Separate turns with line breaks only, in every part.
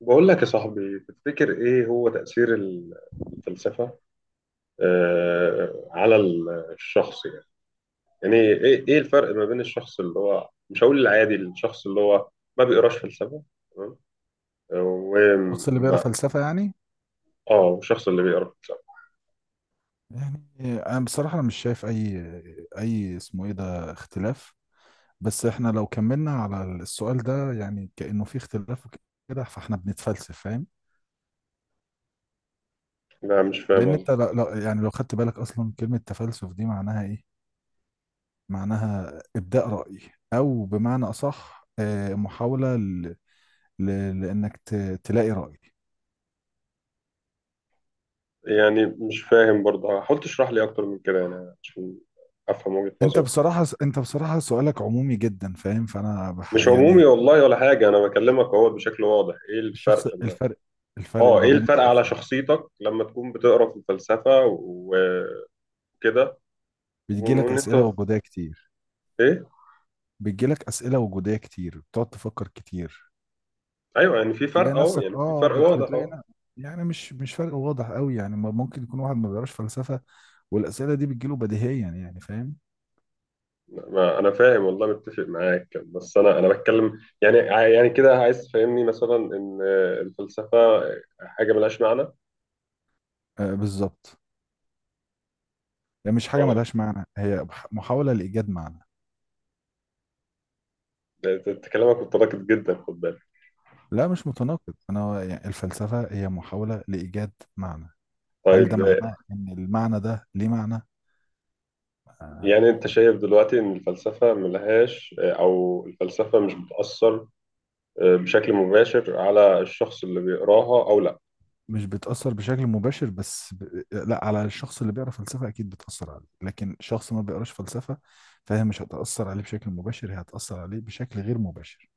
بقول لك يا صاحبي، تفتكر ايه هو تأثير الفلسفة على الشخص يعني. يعني ايه الفرق ما بين الشخص اللي هو، مش هقول العادي، الشخص اللي هو ما بيقراش فلسفة، تمام،
الشخص اللي بيقرا
وما
فلسفة يعني.
اه والشخص اللي بيقرا فلسفة.
يعني انا بصراحة مش شايف اي اسمه ايه ده اختلاف. بس احنا لو كملنا على السؤال ده يعني كأنه في اختلاف كده، فاحنا بنتفلسف، فاهم؟
لا مش فاهم
لان
قصدي.
انت يعني لو خدت بالك اصلا كلمة تفلسف دي معناها ايه. معناها ابداء رأي، او بمعنى اصح محاولة ل... لانك ت... تلاقي رأي.
يعني مش فاهم برضه، حاول تشرح لي اكتر من كده يعني، عشان افهم وجهة
انت
نظرك.
بصراحة انت بصراحة سؤالك عمومي جدا، فاهم؟ فانا بح...
مش عمومي
يعني
والله ولا حاجة، انا بكلمك اهو بشكل واضح ايه الفرق.
الشخص الفرق
اه،
ما
ايه
بين
الفرق
الشخص.
على شخصيتك لما تكون بتقرا في الفلسفه وكده،
بتجيلك
وان
أسئلة
انت
وجودية كتير
ايه
بتجيلك أسئلة وجودية كتير، بتقعد تفكر كتير.
ايوه يعني في
تلاقي
فرق اهو،
نفسك،
يعني في فرق واضح اهو.
يعني مش فرق واضح قوي، يعني ممكن يكون واحد ما بيقراش فلسفة والأسئلة دي بتجيله بديهيا، يعني فاهم.
ما انا فاهم والله، متفق معاك، بس انا بتكلم يعني يعني كده، عايز تفهمني مثلا ان الفلسفه حاجه ملهاش معنى.
آه، بالظبط. يعني مش حاجة
اه،
ملهاش معنى، هي محاولة لإيجاد معنى.
ده كلامك متناقض جدا، خد بالك.
لا، مش متناقض، أنا يعني الفلسفة هي محاولة لإيجاد معنى. هل
طيب
ده معناه إن المعنى ده ليه معنى؟ آه.
يعني، انت شايف دلوقتي ان الفلسفه ملهاش، او الفلسفه مش بتاثر بشكل مباشر على الشخص اللي بيقراها او لا؟
مش بتأثر بشكل مباشر، بس لا، على الشخص اللي بيقرأ فلسفة أكيد بتأثر عليه، لكن شخص ما بيقراش فلسفة فهي مش هتأثر عليه بشكل مباشر، هي هتأثر عليه بشكل غير مباشر.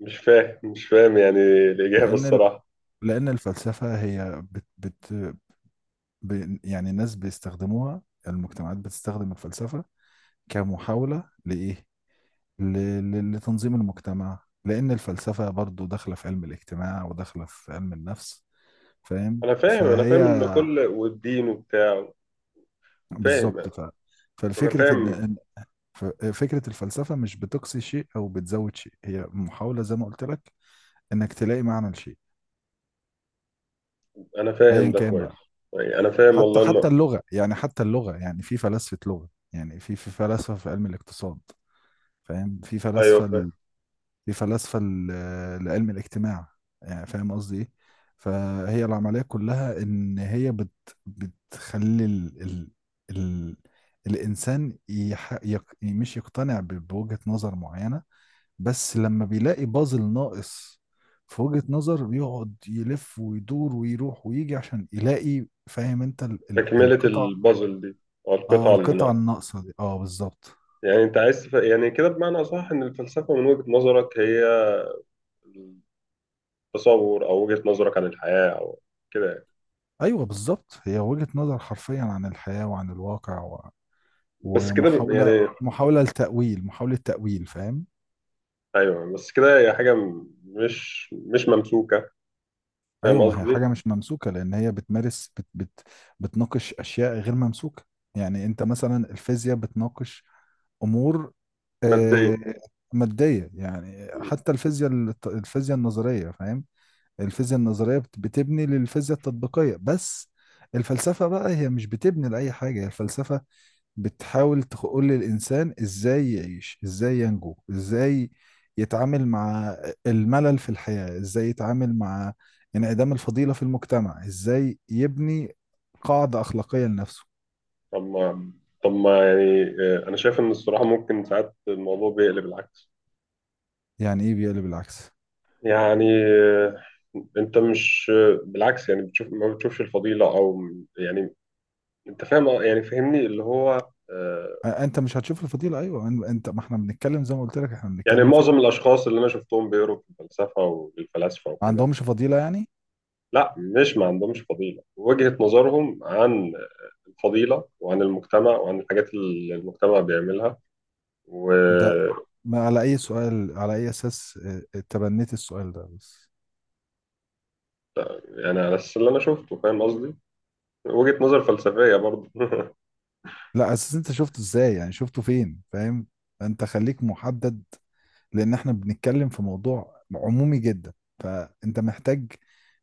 مش فاهم، مش فاهم يعني الإجابة
لأن ال...
الصراحة.
لأن الفلسفة هي يعني الناس بيستخدموها، المجتمعات بتستخدم الفلسفة كمحاولة لإيه؟ ل... لتنظيم المجتمع، لأن الفلسفة برضو داخلة في علم الاجتماع وداخلة في علم النفس، فاهم؟
أنا فاهم، أنا
فهي
فاهم إن كل والدين وبتاع، فاهم
بالظبط.
يعني. أنا
فالفكرة
فاهم،
فكرة الفلسفة مش بتقصي شيء أو بتزود شيء، هي محاولة زي ما قلت لك إنك تلاقي معنى لشيء،
أنا
أيا
فاهم ده
كان
كويس.
بقى.
يعني أنا فاهم
حتى
والله إنه،
حتى اللغة، يعني حتى اللغة، يعني في فلسفة لغة، يعني في فلسفة في علم الاقتصاد، فاهم، في
أيوه
فلسفة
فاهم.
في فلسفة ل- لعلم الاجتماع، يعني فاهم قصدي إيه. فهي العملية كلها إن هي بتخلي ال الإنسان يح يق مش يقتنع بوجهة نظر معينة، بس لما بيلاقي بازل ناقص في وجهة نظر بيقعد يلف ويدور ويروح ويجي عشان يلاقي، فاهم، انت ال
تكملة
القطع.
البازل دي أو
اه،
القطعة اللي
القطع
ناقصة.
الناقصة دي، اه بالظبط.
يعني أنت عايز يعني كده بمعنى أصح، إن الفلسفة من وجهة نظرك هي التصور أو وجهة نظرك عن الحياة، أو كده يعني.
ايوه بالظبط، هي وجهة نظر حرفيا عن الحياة وعن الواقع،
بس كده
ومحاولة
يعني،
محاولة لتأويل، محاولة تأويل، فاهم.
أيوه بس كده هي حاجة مش ممسوكة، فاهم
ايوه، ما هي
قصدي؟
حاجه مش ممسوكه، لان هي بتمارس بت بت بتناقش اشياء غير ممسوكه. يعني انت مثلا الفيزياء بتناقش امور
مادية.
آه، ماديه، يعني حتى الفيزياء الفيزياء النظريه، فاهم. الفيزياء النظريه بتبني للفيزياء التطبيقيه بس، الفلسفه بقى هي مش بتبني لاي حاجه. الفلسفه بتحاول تقول للإنسان إزاي يعيش، إزاي ينجو، إزاي يتعامل مع الملل في الحياة، إزاي يتعامل مع انعدام الفضيلة في المجتمع، إزاي يبني قاعدة أخلاقية لنفسه.
طب ما طب ما يعني انا شايف ان الصراحه ممكن ساعات الموضوع بيقلب العكس.
يعني إيه بيقلب العكس؟
يعني انت مش بالعكس، يعني بتشوف، ما بتشوفش الفضيله او، يعني انت فاهم يعني فهمني اللي هو
أنت مش هتشوف الفضيلة، أيوة، أنت، ما إحنا بنتكلم زي ما قلت لك، إحنا
يعني
بنتكلم في
معظم
حاجة.
الاشخاص اللي انا شفتهم بيقروا في الفلسفه والفلاسفه
ما
وكده.
عندهمش فضيلة يعني؟
لا، مش ما عندهمش فضيله، وجهه نظرهم عن الفضيله وعن المجتمع وعن الحاجات اللي المجتمع بيعملها و
ده،
آه،
ما على أي سؤال، على أي أساس تبنيت السؤال ده بس؟
يعني على اساس اللي انا شفته، فاهم قصدي، وجهة نظر فلسفية برضه.
لا، أساس أنت شفته إزاي يعني، شفته فين، فاهم؟ أنت خليك محدد، لان احنا بنتكلم في موضوع عمومي جدا، فانت محتاج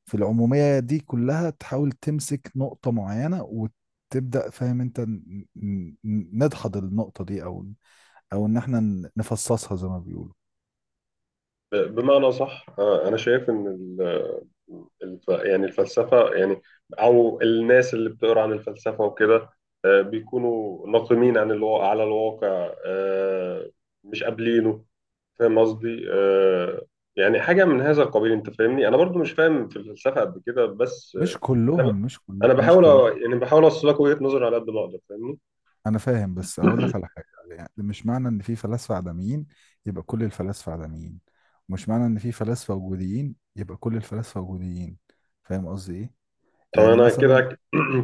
في العمومية دي كلها تحاول تمسك نقطة معينة وتبدأ، فاهم، انت نضحض النقطة دي، او او ان احنا نفصصها زي ما بيقولوا.
بمعنى صح أنا شايف إن يعني الفلسفة يعني، أو الناس اللي بتقرأ عن الفلسفة وكده، بيكونوا ناقمين عن الواقع على الواقع، مش قابلينه، فاهم قصدي يعني حاجة من هذا القبيل. أنت فاهمني، أنا برضو مش فاهم في الفلسفة قد كده، بس
مش
أنا ب-
كلهم مش كله
أنا
مش
بحاول
كلهم
يعني بحاول أوصل لك وجهة نظري على قد ما أقدر، فاهمني.
انا فاهم، بس اقول لك على حاجة، يعني مش معنى ان في فلاسفة عدميين يبقى كل الفلاسفة عدميين، ومش معنى ان في فلاسفة وجوديين يبقى كل الفلاسفة وجوديين، فاهم قصدي ايه.
طب
يعني
أنا كده
مثلا.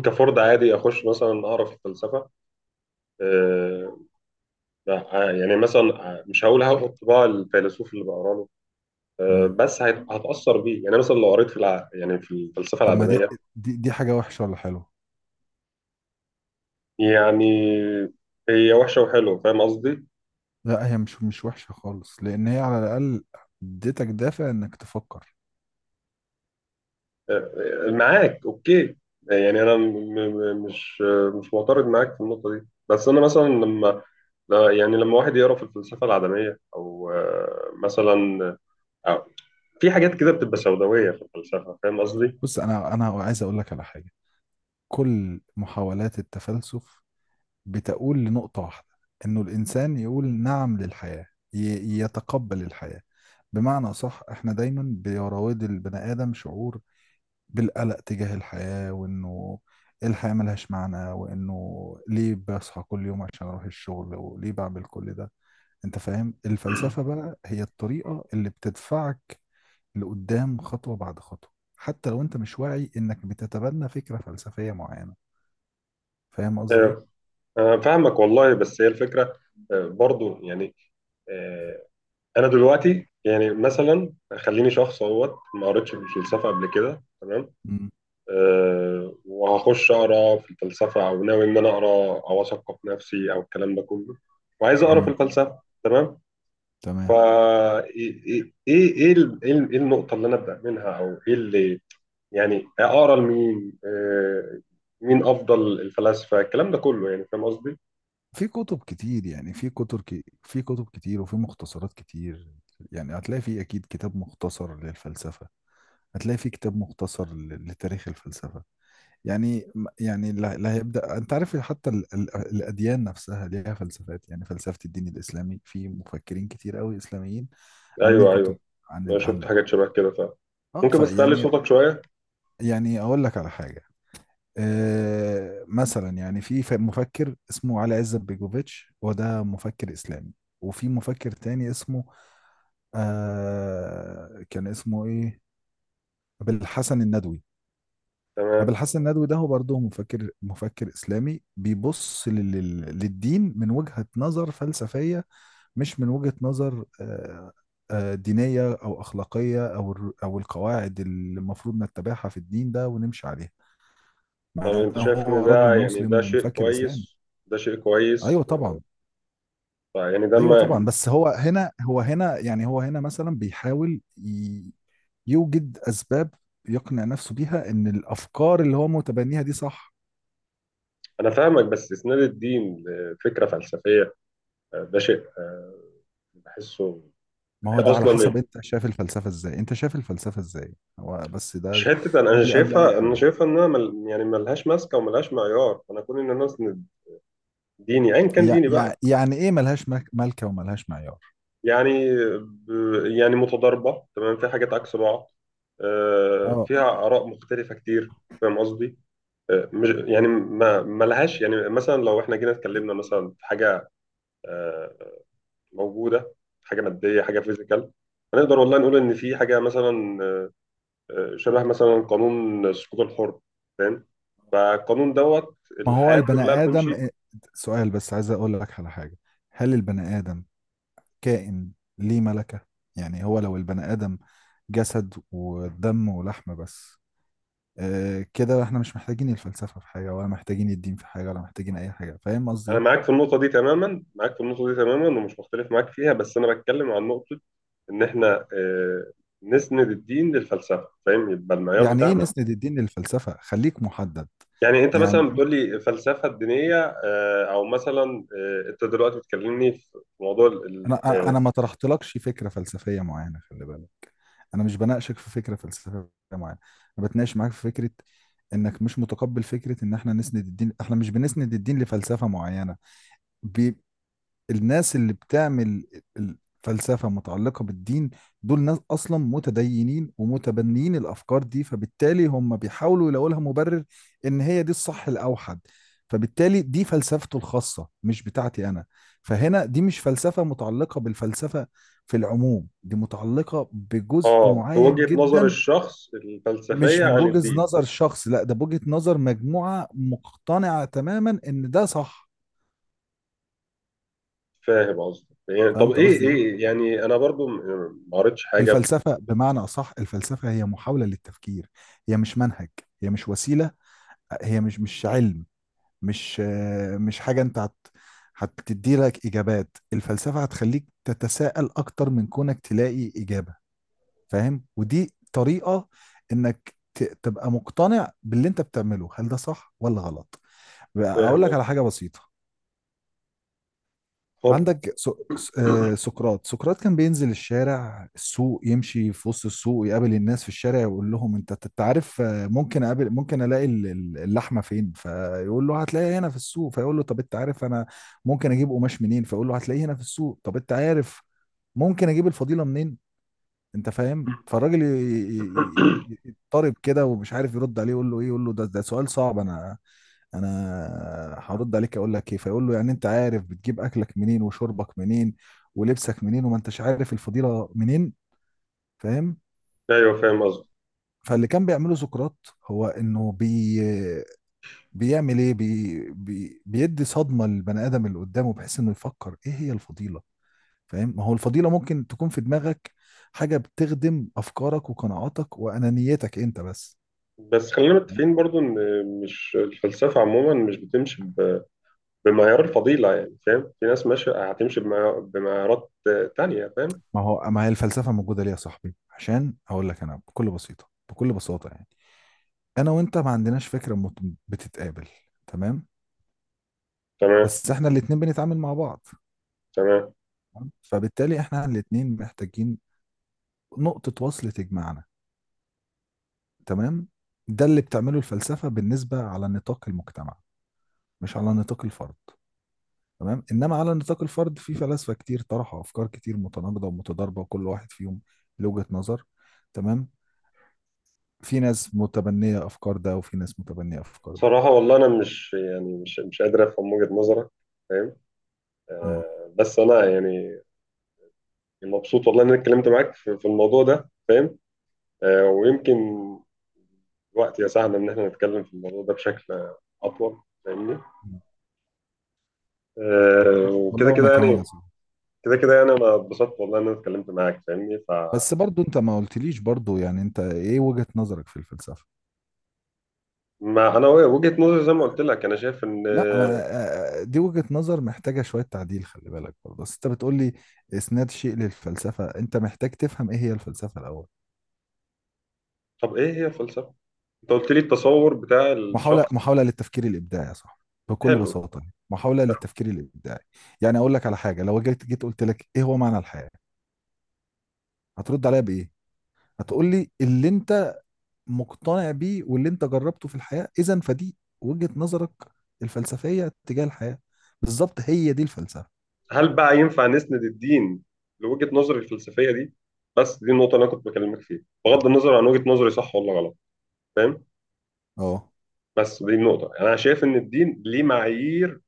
كفرد عادي أخش مثلا أعرف الفلسفة آه، يعني مثلا مش هقول هاخد طباع الفيلسوف اللي بقرا له،
مم.
بس هتأثر بيه. يعني مثلا لو قريت يعني في الفلسفة
طب ما دي،
العدمية،
دي حاجة وحشة ولا حلوة؟
يعني هي وحشة وحلوة، فاهم قصدي؟
لا، هي مش وحشة خالص، لأن هي على الأقل اديتك دافع إنك تفكر.
آه، معاك اوكي. يعني انا مش معترض معاك في النقطة دي، بس انا مثلا لما يعني لما واحد يقرا في الفلسفة العدمية او مثلا آه، في حاجات كده بتبقى سوداوية في الفلسفة، فاهم قصدي؟
بص، أنا عايز أقول لك على حاجة. كل محاولات التفلسف بتقول لنقطة واحدة، إنه الإنسان يقول نعم للحياة، يتقبل الحياة، بمعنى صح. إحنا دايما بيراود البني آدم شعور بالقلق تجاه الحياة، وإنه الحياة ملهاش معنى، وإنه ليه بصحى كل يوم عشان أروح الشغل، وليه بعمل كل ده، انت فاهم. الفلسفة بقى هي الطريقة اللي بتدفعك لقدام خطوة بعد خطوة، حتى لو انت مش واعي انك بتتبنى فكرة فلسفية معينة، فاهم قصدي
آه،
ايه.
أنا فاهمك والله، بس هي الفكرة برضو يعني آه، أنا دلوقتي يعني مثلا خليني شخص اهوت، ما قريتش في الفلسفة قبل كده، تمام،
مم.
وهخش أقرأ في الفلسفة، أو ناوي إن أنا أقرأ أو أثقف نفسي أو الكلام ده كله، وعايز أقرأ في
مم.
الفلسفة، تمام.
تمام.
فا إيه النقطة اللي أنا أبدأ منها، أو إيه اللي يعني أقرأ لمين، مين أفضل الفلاسفة، الكلام ده كله، يعني فاهم قصدي؟
في كتب كتير، يعني في كتب في كتب كتير وفي مختصرات كتير، يعني هتلاقي في اكيد كتاب مختصر للفلسفة، هتلاقي في كتاب مختصر لتاريخ الفلسفة، يعني. يعني اللي هيبدأ، انت عارف حتى الأديان نفسها ليها فلسفات، يعني فلسفة الدين الإسلامي، في مفكرين كتير قوي إسلاميين عاملين
ايوه،
كتب
ايوه،
عن
انا شفت
عن.
حاجات شبه كده فعلا.
اه
ممكن
فيعني
بس تعلي
يعني
صوتك شويه؟
يعني اقول لك على حاجة. آه، مثلا يعني في مفكر اسمه علي عزت بيجوفيتش، وده مفكر إسلامي، وفي مفكر تاني اسمه آه كان اسمه ايه بالحسن الندوي. أبو
تمام.
الحسن الندوي ده هو برضه مفكر إسلامي بيبص للدين من وجهة نظر فلسفية، مش من وجهة نظر دينية أو أخلاقية أو أو القواعد اللي المفروض نتبعها في الدين ده ونمشي عليها،
طب
مع إن
انت شايف ان
هو راجل
ده، يعني
مسلم
ده شيء
ومفكر إسلامي.
كويس، ده شيء كويس
أيوه طبعا.
طيب يعني ده
أيوه طبعا،
ما
بس هو هنا، هو هنا يعني، هو هنا مثلا بيحاول يوجد أسباب يقنع نفسه بيها إن الأفكار اللي هو متبنيها دي صح.
انا فاهمك، بس اسناد الدين لفكره فلسفيه ده شيء بحسه
ما هو ده على
اصلا
حسب
إيه؟
انت شايف الفلسفة ازاي، انت شايف الفلسفة ازاي هو بس
مش
ده.
حته، أنا
قبل اي
شايفها، انا
حاجة،
شايفها انها يعني ملهاش ماسكه وملهاش معيار. انا كون ان انا اسند ديني، ايا كان ديني بقى،
يعني ايه ملهاش ملكة وملهاش معيار؟
يعني يعني متضاربة، تمام، في حاجات عكس بعض
اه،
فيها آراء مختلفة كتير، فاهم قصدي؟ مش يعني ما لهاش. يعني مثلا لو احنا جينا اتكلمنا مثلا في حاجة آه، موجودة، حاجة مادية، حاجة فيزيكال، هنقدر والله نقول إن في حاجة مثلا شبه مثلا قانون السقوط الحر، فاهم؟ فالقانون دوت
ما هو
الحياة
البني
كلها
ادم
بتمشي.
سؤال بس عايز اقول لك على حاجة، هل البني ادم كائن ليه ملكة؟ يعني هو لو البني ادم جسد ودم ولحم بس، اه كده احنا مش محتاجين الفلسفة في حاجة، ولا محتاجين الدين في حاجة، ولا محتاجين اي حاجة، فاهم قصدي
أنا
ايه؟
معاك في النقطة دي تماما، معاك في النقطة دي تماما، ومش مختلف معاك فيها، بس أنا بتكلم عن نقطة ان احنا نسند الدين للفلسفه، فاهم، يبقى المعيار
يعني ايه
بتاعنا.
نسند الدين للفلسفة؟ خليك محدد.
يعني انت مثلا
يعني
بتقول لي الفلسفه الدينيه او مثلا انت دلوقتي بتكلمني في موضوع
انا انا ما طرحتلكش فكره فلسفيه معينه، خلي بالك، انا مش بناقشك في فكره فلسفيه معينه، انا بتناقش معاك في فكره انك مش متقبل فكره ان احنا نسند الدين. احنا مش بنسند الدين لفلسفه معينه، ب... الناس اللي بتعمل الفلسفة متعلقة بالدين دول ناس أصلا متدينين ومتبنيين الأفكار دي، فبالتالي هم بيحاولوا يلاقوا لها مبرر إن هي دي الصح الأوحد، فبالتالي دي فلسفته الخاصة مش بتاعتي أنا، فهنا دي مش فلسفة متعلقة بالفلسفة في العموم، دي متعلقة بجزء معين
بوجهه نظر
جدا.
الشخص
مش
الفلسفيه عن
بوجهة
الدين،
نظر شخص، لا ده بوجهة نظر مجموعة مقتنعة تماما إن ده صح،
فاهم قصدي؟ يعني طب
فهمت
ايه
قصدي إيه؟
ايه يعني، انا برضو ما قريتش حاجه
الفلسفة بمعنى أصح، الفلسفة هي محاولة للتفكير، هي مش منهج، هي مش وسيلة، هي مش علم، مش مش حاجة أنت هتدي لك إجابات، الفلسفة هتخليك تتساءل أكتر من كونك تلاقي إجابة، فاهم. ودي طريقة إنك تبقى مقتنع باللي أنت بتعمله، هل ده صح ولا غلط؟ بقى أقول
فاهم
لك
قصدي.
على حاجة بسيطة.
اتفضل.
عندك سو... س- آه، سقراط كان بينزل الشارع، السوق، يمشي في وسط السوق، يقابل الناس في الشارع، يقول لهم انت عارف ممكن اقابل، ممكن الاقي اللحمه فين، فيقول له هتلاقيها هنا في السوق، فيقول له طب انت عارف انا ممكن اجيب قماش منين، فيقول له هتلاقيه هنا في السوق، طب انت عارف ممكن اجيب الفضيله منين، انت فاهم. فالراجل يضطرب كده ومش عارف يرد عليه، يقول له ايه، يقول له ده سؤال صعب، انا هرد عليك اقول لك ايه، فيقول له يعني انت عارف بتجيب اكلك منين وشربك منين ولبسك منين، وما انتش عارف الفضيلة منين، فاهم.
ايوه فاهم قصدي.
فاللي كان بيعمله سقراط هو انه بيعمل ايه، بي بي بيدي صدمة للبني ادم اللي قدامه، بحيث انه يفكر ايه هي الفضيلة، فاهم، ما هو الفضيلة ممكن تكون في دماغك حاجة بتخدم أفكارك وقناعاتك وأنانيتك أنت بس،
بس خلينا
فاهم؟
متفقين برضو ان مش الفلسفه عموما مش بتمشي بمعيار الفضيلة يعني، فاهم، في ناس ماشية هتمشي بمعيارات تانية، فاهم؟
ما هي الفلسفة موجودة ليه يا صاحبي؟ عشان أقول لك أنا بكل بسيطة بكل بساطة، يعني أنا وأنت ما عندناش فكرة بتتقابل، تمام،
تمام،
بس إحنا الاتنين بنتعامل مع بعض،
تمام.
تمام؟ فبالتالي إحنا الاتنين محتاجين نقطة وصل تجمعنا، تمام. ده اللي بتعمله الفلسفة بالنسبة على نطاق المجتمع، مش على نطاق الفرد، تمام، انما على نطاق الفرد في فلاسفه كتير طرحوا افكار كتير متناقضه ومتضاربه، وكل واحد فيهم له وجهه نظر، تمام، في ناس متبنيه افكار ده وفي ناس متبنيه افكار ده.
صراحة والله أنا مش يعني مش قادر أفهم وجهة نظرك، فاهم،
امم
بس أنا يعني مبسوط والله إن أنا اتكلمت معاك في الموضوع ده، فاهم، ويمكن الوقت يساعدنا إن إحنا نتكلم في الموضوع ده بشكل أطول، فاهمني، وكده
والله وانا
كده
كمان
يعني،
يا صاحبي.
كده كده يعني، أنا اتبسطت والله إن أنا اتكلمت معاك، فاهمني.
بس برضو انت ما قلتليش برضو، يعني انت ايه وجهه نظرك في الفلسفه؟
فما أنا وجهة نظري زي ما قلت لك، أنا شايف إن،
لا، ما دي وجهه نظر محتاجه شويه تعديل، خلي بالك برضه، بس انت بتقولي اسناد شيء للفلسفه، انت محتاج تفهم ايه هي الفلسفه الاول.
طب ايه هي الفلسفه؟ انت قلت لي التصور بتاع
محاولة،
الشخص.
للتفكير الإبداعي يا صاحبي، بكل
حلو.
بساطة، محاولة للتفكير الإبداعي. يعني أقول لك على حاجة، لو جيت قلت لك إيه هو معنى الحياة، هترد عليا بإيه؟ هتقول لي اللي أنت مقتنع بيه واللي أنت جربته في الحياة، إذا فدي وجهة نظرك الفلسفية تجاه الحياة، بالظبط هي دي الفلسفة.
هل بقى ينفع نسند الدين لوجهه نظري الفلسفيه دي؟ بس دي النقطه اللي انا كنت بكلمك فيها، بغض النظر عن وجهه نظري صح ولا غلط، فاهم.
أه.
بس دي النقطه، يعني انا شايف ان الدين ليه معايير،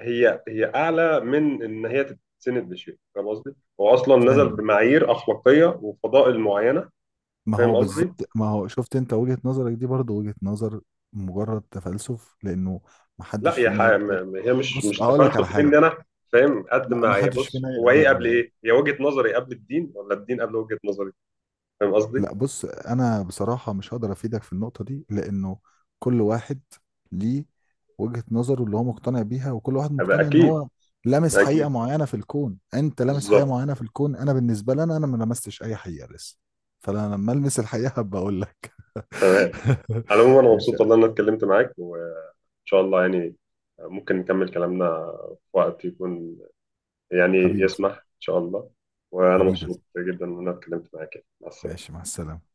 هي اعلى من ان هي تتسند لشيء، فاهم قصدي، هو اصلا نزل
فاهم،
بمعايير اخلاقيه وفضائل معينه،
ما هو
فاهم قصدي.
بالظبط، ما هو شفت أنت وجهة نظرك دي برضه وجهة نظر مجرد تفلسف، لأنه
لا
محدش
يا
فينا يقدر.
هي مش
بص،
مش
هقول لك على
تفلسف
حاجة.
مني انا، فاهم قد
ما
ما
ما
هي.
حدش
بص،
فينا
هو ايه
يقدر.
قبل ايه؟ هي وجهة نظري قبل الدين، ولا الدين قبل وجهة نظري؟ فاهم قصدي؟
لا، بص، انا بصراحه مش هقدر افيدك في النقطه دي، لانه كل واحد ليه وجهه نظره اللي هو مقتنع بيها، وكل واحد
أبقى
مقتنع ان
اكيد.
هو لامس حقيقه
اكيد،
معينه في الكون، انت لامس حقيقه
بالظبط،
معينه في الكون، انا بالنسبه لي أنا ما لمستش اي حقيقه لسه، فانا لما المس الحقيقه هبقى اقول لك.
تمام. على العموم انا
ماشي
مبسوط
يا
والله ان انا اتكلمت معاك، وان شاء الله يعني ممكن نكمل كلامنا في وقت يكون يعني
حبيبي، صح
يسمح ان شاء الله. وانا
حبيبي يا
مبسوط
صاحبي.
جدا ان انا اتكلمت معاك، مع السلامة.
ماشي، مع السلامه.